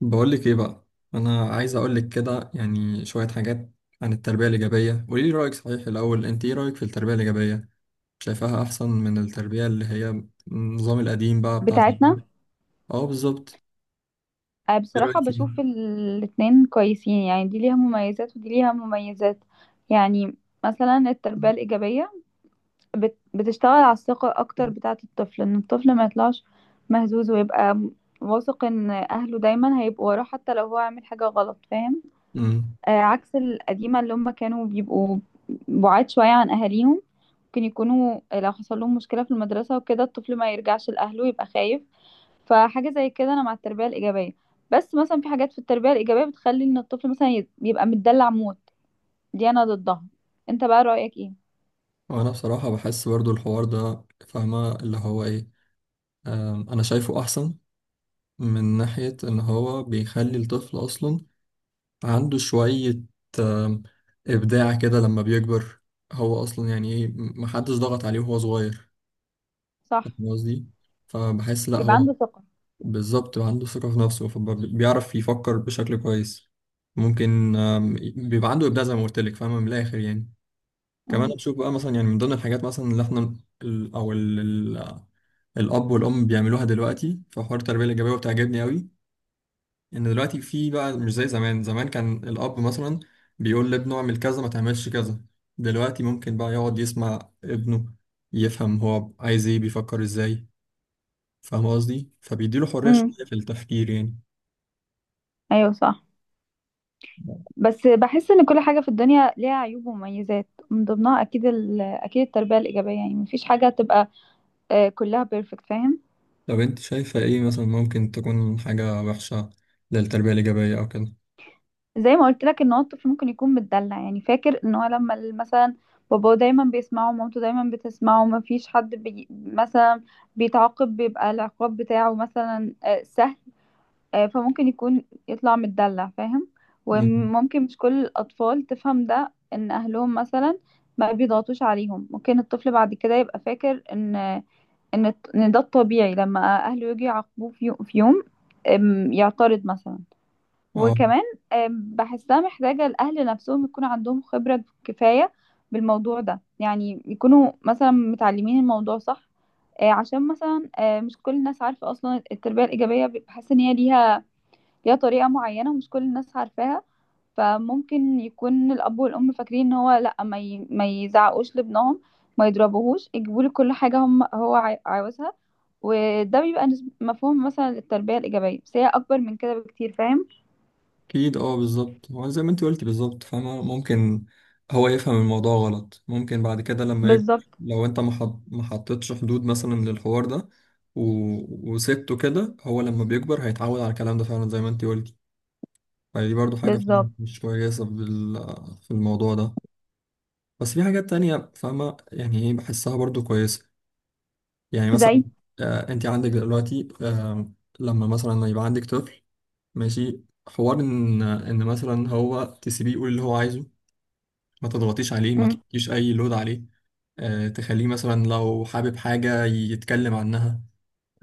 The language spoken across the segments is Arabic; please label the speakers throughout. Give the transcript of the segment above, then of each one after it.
Speaker 1: بقولك ايه بقى. انا عايز اقولك كده، يعني شوية حاجات عن التربية الإيجابية. قوليلي رأيك، صحيح الأول انت ايه رأيك في التربية الإيجابية؟ شايفاها احسن من التربية اللي هي النظام القديم بقى بتاع
Speaker 2: بتاعتنا.
Speaker 1: زمان. اه، بالظبط. ايه رأيك
Speaker 2: بصراحة
Speaker 1: فيها؟
Speaker 2: بشوف الاتنين كويسين، يعني دي ليها مميزات ودي ليها مميزات. يعني مثلا التربية الإيجابية بتشتغل على الثقة أكتر بتاعة الطفل، إن الطفل ما يطلعش مهزوز ويبقى واثق إن أهله دايما هيبقوا وراه حتى لو هو عامل حاجة غلط، فاهم؟
Speaker 1: امم
Speaker 2: آه، عكس القديمة اللي هم كانوا بيبقوا بعاد شوية عن أهاليهم، ممكن يكونوا لو حصل لهم مشكلة في المدرسة وكده الطفل ما يرجعش لأهله، يبقى خايف. فحاجة زي كده أنا مع التربية الإيجابية. بس مثلا في حاجات في التربية الإيجابية بتخلي إن الطفل مثلا يبقى متدلع موت، دي أنا ضدها. أنت بقى رأيك إيه؟
Speaker 1: وانا بصراحة بحس برضو الحوار ده، فاهمة اللي هو ايه. انا شايفه احسن من ناحية ان هو بيخلي الطفل اصلا عنده شوية آم، ابداع كده لما بيكبر. هو اصلا يعني ايه، محدش ضغط عليه وهو صغير،
Speaker 2: صح.
Speaker 1: فاهم قصدي؟ فبحس لا،
Speaker 2: بيبقى
Speaker 1: هو
Speaker 2: عنده ثقة.
Speaker 1: بالظبط عنده ثقة في نفسه، فبيعرف يفكر بشكل كويس. ممكن بيبقى عنده إبداع زي ما قلت لك، فاهمة، من الآخر يعني. كمان
Speaker 2: امم.
Speaker 1: بشوف بقى مثلا، يعني من ضمن الحاجات مثلا اللي احنا ال- أو ال- ال- الأب والأم بيعملوها دلوقتي في حوار التربية الإيجابية، وبتعجبني قوي إن دلوقتي في بقى، مش زي زمان. زمان كان الأب مثلا بيقول لابنه اعمل كذا ما تعملش كذا، دلوقتي ممكن بقى يقعد يسمع ابنه، يفهم هو عايز ايه، بيفكر ازاي، فاهم قصدي؟ فبيديله حرية شوية
Speaker 2: امم.
Speaker 1: في التفكير يعني.
Speaker 2: أيوه صح. بس بحس إن كل حاجة في الدنيا ليها عيوب ومميزات، من ضمنها أكيد أكيد التربية الإيجابية، يعني مفيش حاجة تبقى آه، كلها بيرفكت، فاهم؟
Speaker 1: طب انت شايفة ايه مثلا ممكن تكون حاجة وحشة للتربية الإيجابية أو كده؟
Speaker 2: زي ما قلت لك، ان هو الطفل ممكن يكون متدلع، يعني فاكر ان هو لما مثلا باباه دايما بيسمعه ومامته دايما بتسمعه، ما فيش حد بي مثلا بيتعاقب، بيبقى العقاب بتاعه مثلا آه، سهل. آه، فممكن يكون يطلع متدلع، فاهم؟
Speaker 1: مم.
Speaker 2: وممكن مش كل الاطفال تفهم ده، ان اهلهم مثلا ما بيضغطوش عليهم، ممكن الطفل بعد كده يبقى فاكر ان ان إن ده الطبيعي، لما اهله يجي يعاقبوه في في يوم أم، يعترض مثلا.
Speaker 1: اه،
Speaker 2: وكمان آم، بحسها محتاجة الأهل نفسهم يكون عندهم خبرة كفاية بالموضوع ده، يعني يكونوا مثلا متعلمين الموضوع صح آه، عشان مثلا آه، مش كل الناس عارفة أصلا التربية الإيجابية. بحس إن هي ليها ليها طريقة معينة ومش كل الناس عارفاها. فممكن يكون الأب والأم فاكرين إن هو لأ، ما يزعقوش لابنهم، ما يضربوهوش، يجيبوا له كل حاجة هم هو عاوزها. وده بيبقى مفهوم مثلا التربية الإيجابية، بس هي أكبر من كده بكتير، فاهم؟
Speaker 1: أكيد، اه بالظبط، هو زي ما انت قلتي بالظبط فاهمة. ممكن هو يفهم الموضوع غلط، ممكن بعد كده لما يكبر،
Speaker 2: بالظبط.
Speaker 1: لو انت ما حطيتش حدود مثلا للحوار ده و... وسبته كده، هو لما بيكبر هيتعود على الكلام ده فعلا زي ما انت قلتي. فدي برضو حاجة فعلا
Speaker 2: بالظبط.
Speaker 1: مش كويسة في في الموضوع ده. بس في حاجات تانية فاهمة يعني ايه، بحسها برضو كويسة. يعني
Speaker 2: زي.
Speaker 1: مثلا، انت عندك دلوقتي، لما مثلا يبقى عندك طفل ماشي، حوار ان مثلا هو تسيبيه يقول اللي هو عايزه، ما تضغطيش عليه، ما
Speaker 2: امم.
Speaker 1: تحطيش اي لود عليه. آه تخليه مثلا لو حابب حاجة يتكلم عنها.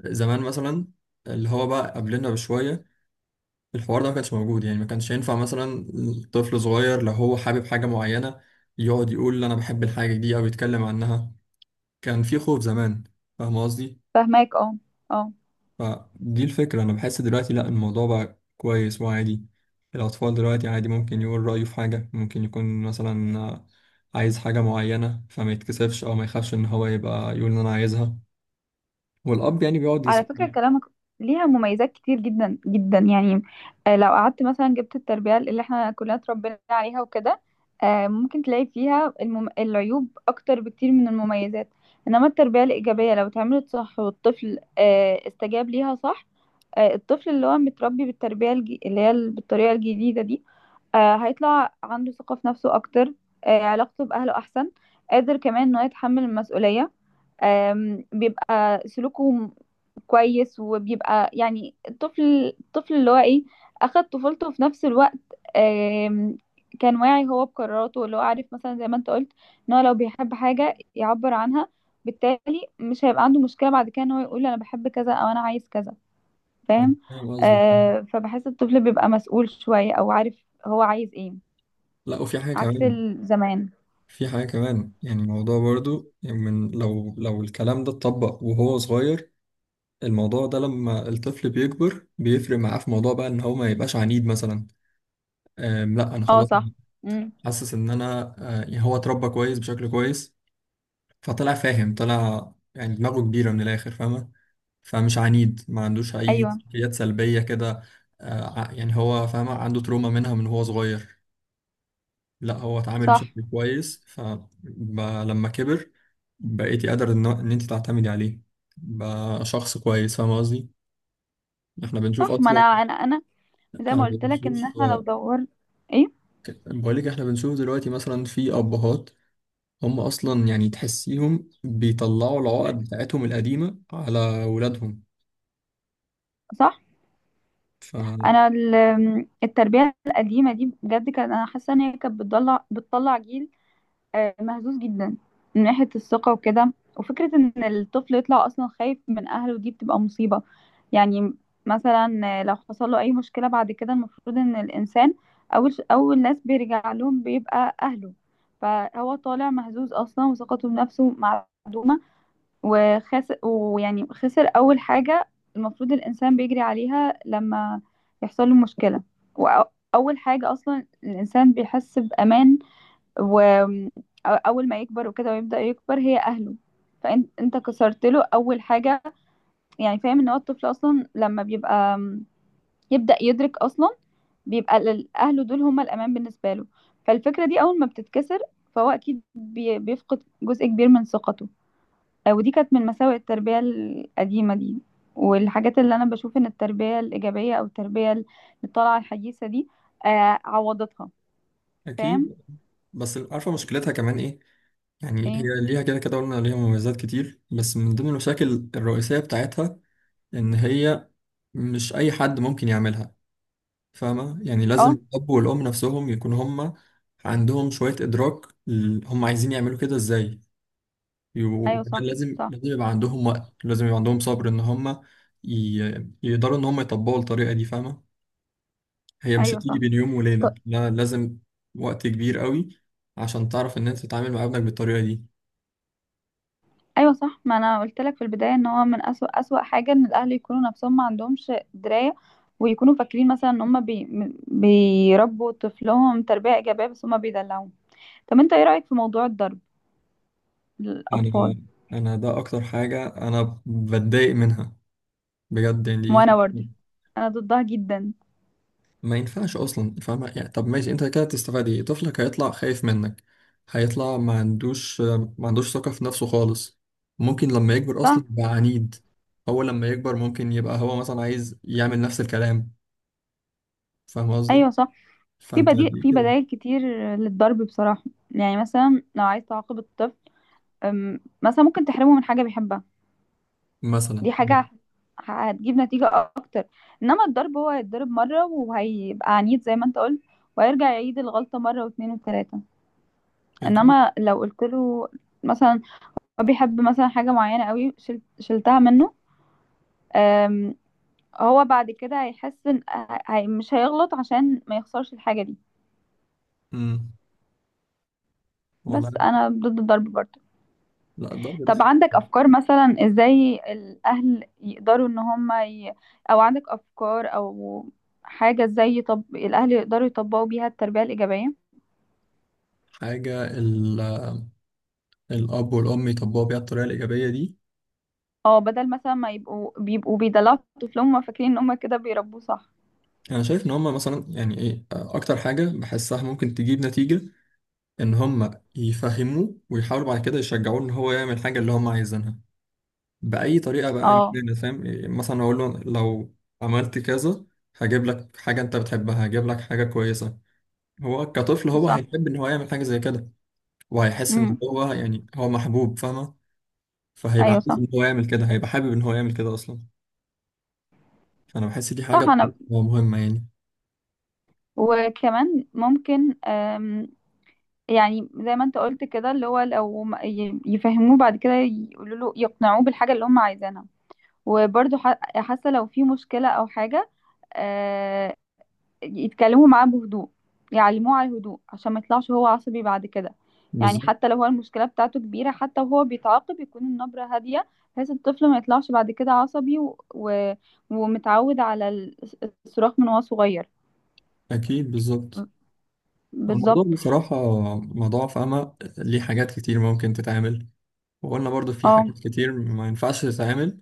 Speaker 1: زمان مثلا اللي هو بقى قبلنا بشوية، الحوار ده ما كانش موجود، يعني ما كانش ينفع مثلا طفل صغير لو هو حابب حاجة معينة يقعد يقول انا بحب الحاجة دي او يتكلم عنها. كان في خوف زمان، فاهم قصدي؟
Speaker 2: فاهماك، اه. اه.
Speaker 1: فدي الفكرة، أنا بحس دلوقتي لأ، الموضوع بقى كويس وعادي. الأطفال دلوقتي عادي ممكن يقول رأيه في حاجة، ممكن يكون مثلا عايز حاجة معينة، فما يتكسفش أو ما يخافش إن هو يبقى يقول إن أنا عايزها، والأب يعني بيقعد
Speaker 2: على
Speaker 1: يسمع.
Speaker 2: فكرة كلامك ليها مميزات كتير جدا جدا، يعني آه، لو قعدت مثلا جبت التربية اللي احنا كلنا اتربينا عليها وكده آه، ممكن تلاقي فيها العيوب أكتر بكتير من المميزات. إنما التربية الإيجابية لو اتعملت صح والطفل آه، استجاب ليها صح آه، الطفل اللي هو متربي اللي هي بالطريقة الجديدة دي آه، هيطلع عنده ثقة في نفسه أكتر، آه، علاقته بأهله أحسن، قادر كمان إنه يتحمل المسؤولية، آم، بيبقى سلوكه كويس، وبيبقى يعني الطفل اللي هو ايه، اخد طفولته في نفس الوقت، آم، كان واعي هو بقراراته، اللي هو عارف مثلا زي ما انت قلت، ان هو لو بيحب حاجة يعبر عنها، بالتالي مش هيبقى عنده مشكلة بعد كده ان هو يقول انا بحب كذا او انا عايز كذا،
Speaker 1: أنا
Speaker 2: فاهم؟
Speaker 1: فاهم قصدي.
Speaker 2: آه، فبحس الطفل بيبقى مسؤول شوية، او عارف هو عايز ايه،
Speaker 1: لأ، وفي حاجة
Speaker 2: عكس
Speaker 1: كمان.
Speaker 2: الزمان.
Speaker 1: يعني الموضوع برضو يعني، من لو الكلام ده اتطبق وهو صغير، الموضوع ده لما الطفل بيكبر بيفرق معاه في موضوع بقى إن هو ما يبقاش عنيد مثلا. لا، انا
Speaker 2: اه
Speaker 1: خلاص
Speaker 2: صح. امم.
Speaker 1: حاسس ان انا يعني هو اتربى كويس بشكل كويس، فطلع فاهم، طلع يعني دماغه كبيره من الاخر فاهمه، فمش عنيد، ما عندوش اي
Speaker 2: ايوه
Speaker 1: سلوكيات سلبيه كده. يعني هو فاهمه عنده تروما منها من هو صغير، لا، هو اتعامل
Speaker 2: صح.
Speaker 1: بشكل كويس، فلما كبر بقيتي قادر ان انت تعتمدي عليه، بقى شخص كويس، فاهمه قصدي؟ احنا بنشوف
Speaker 2: صح. ما انا
Speaker 1: اصلا
Speaker 2: انا انا زي
Speaker 1: احنا
Speaker 2: ما قلت لك، ان
Speaker 1: بنشوف
Speaker 2: احنا لو
Speaker 1: آه،
Speaker 2: دور. ايه؟
Speaker 1: بقول لك، احنا بنشوف دلوقتي مثلا في ابهات هم اصلا يعني تحسيهم بيطلعوا العقد بتاعتهم القديمه على ولادهم،
Speaker 2: صح. انا التربيه القديمه دي بجد، كان انا حاسه ان هي كانت بتطلع جيل آه، مهزوز جدا من ناحيه الثقه وكده، وفكره ان الطفل يطلع اصلا خايف من اهله، دي بتبقى مصيبه يعني. مثلا آه، لو حصل له اي مشكله بعد كده، المفروض ان الانسان اول ناس بيرجع لهم بيبقى اهله. فهو طالع مهزوز اصلا وثقته بنفسه معدومه، وخسر، ويعني خسر أول حاجة المفروض الإنسان بيجري عليها لما يحصل له مشكلة. وأول حاجة أصلا الإنسان بيحس بأمان، وأول ما يكبر وكده ويبدأ يكبر، هي أهله. فأنت كسرت له أول حاجة، يعني فاهم؟ إن هو الطفل أصلا لما بيبقى يبدأ يدرك أصلا، بيبقى أهله دول هما الأمان بالنسبة له. فالفكرة دي أول ما بتتكسر، فهو أكيد بيفقد جزء كبير من ثقته. آه، ودي كانت من مساوئ التربية القديمة دي، والحاجات اللي أنا بشوف إن التربية الإيجابية أو التربية اللي طالعة الحديثة دي آه، عوضتها. فاهم؟
Speaker 1: فاكيد. بس عارفه مشكلتها كمان ايه؟ يعني
Speaker 2: إيه؟
Speaker 1: هي ليها كده كده، قلنا ليها مميزات كتير، بس من ضمن المشاكل الرئيسيه بتاعتها ان هي مش اي حد ممكن يعملها، فاهمه؟ يعني لازم
Speaker 2: أه.
Speaker 1: الاب والام نفسهم يكون هم عندهم شويه ادراك، هم عايزين يعملوا كده ازاي.
Speaker 2: أيوه
Speaker 1: وكمان
Speaker 2: صح.
Speaker 1: لازم
Speaker 2: صح.
Speaker 1: لازم يبقى عندهم وقت، لازم يبقى عندهم صبر ان هم ي... يقدروا ان هم يطبقوا الطريقة دي، فاهمة، هي مش
Speaker 2: أيوه
Speaker 1: هتيجي
Speaker 2: صح.
Speaker 1: بين يوم
Speaker 2: ط-
Speaker 1: وليلة، لا، لازم وقت كبير قوي عشان تعرف ان انت تتعامل مع ابنك بالطريقة دي.
Speaker 2: أيوه صح. ما أنا قلت لك في البداية إن هو من أسوأ أسوأ حاجة إن الأهل يكونوا نفسهم ما عندهمش دراية، ويكونوا فاكرين مثلا إن هما بيربوا طفلهم تربية إيجابية، بس هما بيدلعوهم. طب أنت إيه رأيك في موضوع الضرب للأطفال؟
Speaker 1: انا انا ده اكتر حاجة انا بتضايق منها بجد، يعني
Speaker 2: وأنا برضه
Speaker 1: دي
Speaker 2: أنا ضدها جدا.
Speaker 1: ما ينفعش اصلا، فاهمة يعني؟ طب ماشي، انت كده تستفاد ايه؟ طفلك هيطلع خايف منك، هيطلع ما عندوش ثقة في نفسه خالص. ممكن لما يكبر
Speaker 2: صح؟
Speaker 1: اصلا يبقى عنيد. هو لما يكبر ممكن يبقى هو مثلا عايز يعمل نفس الكلام، فاهم قصدي؟
Speaker 2: ايوه صح. في
Speaker 1: فانت
Speaker 2: بديل،
Speaker 1: ليه
Speaker 2: في
Speaker 1: كده؟
Speaker 2: بدائل كتير للضرب بصراحة. يعني مثلا لو عايز تعاقب الطفل أم، مثلا ممكن تحرمه من حاجة بيحبها.
Speaker 1: مثلا.
Speaker 2: دي حاجة هتجيب نتيجة أكتر. إنما الضرب، هو هيتضرب مرة وهيبقى عنيد زي ما أنت قلت، وهيرجع يعيد الغلطة مرة واتنين وتلاتة.
Speaker 1: اكيد.
Speaker 2: إنما لو قلت له مثلا هو بيحب مثلا حاجة معينة قوي، شلتها منه، أم، هو بعد كده هيحس إن مش هيغلط عشان ما يخسرش الحاجة دي.
Speaker 1: امم والله.
Speaker 2: بس أنا ضد الضرب برضه.
Speaker 1: لا، الضرب ده
Speaker 2: طب عندك افكار مثلا ازاي الاهل يقدروا ان هم ي... او عندك افكار او حاجة ازاي الاهل يقدروا يطبقوا بيها التربية الايجابية؟
Speaker 1: حاجة. الاب والام يطبقوا بيها الطريقة الإيجابية دي.
Speaker 2: اه، بدل مثلا ما يبقوا بيدلعوا طفلهم، هما فاكرين ان هم كده بيربوه صح.
Speaker 1: انا شايف ان هما مثلا، يعني ايه، اكتر حاجة بحسها ممكن تجيب نتيجة ان هم يفهموه ويحاولوا بعد كده يشجعوه ان هو يعمل الحاجه اللي هم عايزينها باي طريقه بقى، إن
Speaker 2: اه
Speaker 1: كان فاهم إيه، مثلا اقول له لو عملت كذا هجيب لك حاجه انت بتحبها، هجيب لك حاجه كويسه. هو كطفل هو
Speaker 2: صح.
Speaker 1: هيحب ان هو يعمل حاجه زي كده، وهيحس ان
Speaker 2: امم.
Speaker 1: هو يعني هو محبوب، فاهمه، فهيبقى
Speaker 2: ايوه
Speaker 1: عايز
Speaker 2: صح.
Speaker 1: ان هو يعمل كده، هيبقى حابب ان هو يعمل كده اصلا. فانا بحس دي حاجه
Speaker 2: صح.
Speaker 1: بصراحة
Speaker 2: انا
Speaker 1: مهمه يعني.
Speaker 2: وكمان ممكن أم... يعني زي ما انت قلت كده، اللي هو لو يفهموه بعد كده، يقولوا له، يقنعوه بالحاجة اللي هم عايزينها. وبرضه حاسة لو في مشكلة او حاجة آه، يتكلموا معاه بهدوء، يعلموه على الهدوء عشان ما يطلعش هو عصبي بعد كده. يعني
Speaker 1: بالظبط.
Speaker 2: حتى لو هو المشكلة بتاعته كبيرة، حتى وهو بيتعاقب يكون النبرة هادية، بحيث الطفل ما يطلعش بعد كده عصبي ومتعود على الصراخ من وهو صغير.
Speaker 1: اكيد بالظبط. الموضوع
Speaker 2: بالظبط.
Speaker 1: بصراحه موضوع فاهمه، ليه حاجات كتير ممكن تتعمل، وقلنا برضو في
Speaker 2: اه،
Speaker 1: حاجات كتير ما ينفعش تتعمل.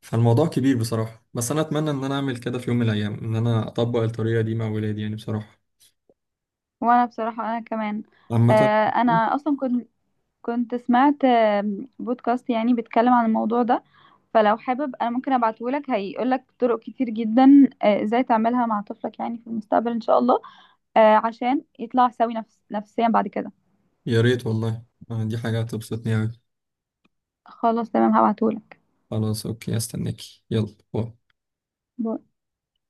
Speaker 1: فالموضوع كبير بصراحة، بس أنا أتمنى إن أنا أعمل كده في يوم من الأيام، إن أنا أطبق الطريقة دي مع ولادي يعني بصراحة.
Speaker 2: وانا بصراحة انا كمان
Speaker 1: عامة.
Speaker 2: آه، انا اصلا كنت سمعت آم، بودكاست يعني بيتكلم عن الموضوع ده، فلو حابب انا ممكن ابعتهولك، هيقولك طرق كتير جدا آه، ازاي تعملها مع طفلك يعني في المستقبل ان شاء الله، آه، عشان يطلع سوي نفسيا بعد كده.
Speaker 1: يا ريت والله. دي حاجة هتبسطني أوي.
Speaker 2: خلاص تمام، هبعتهولك.
Speaker 1: خلاص، أوكي، أستناكي، يلا باي.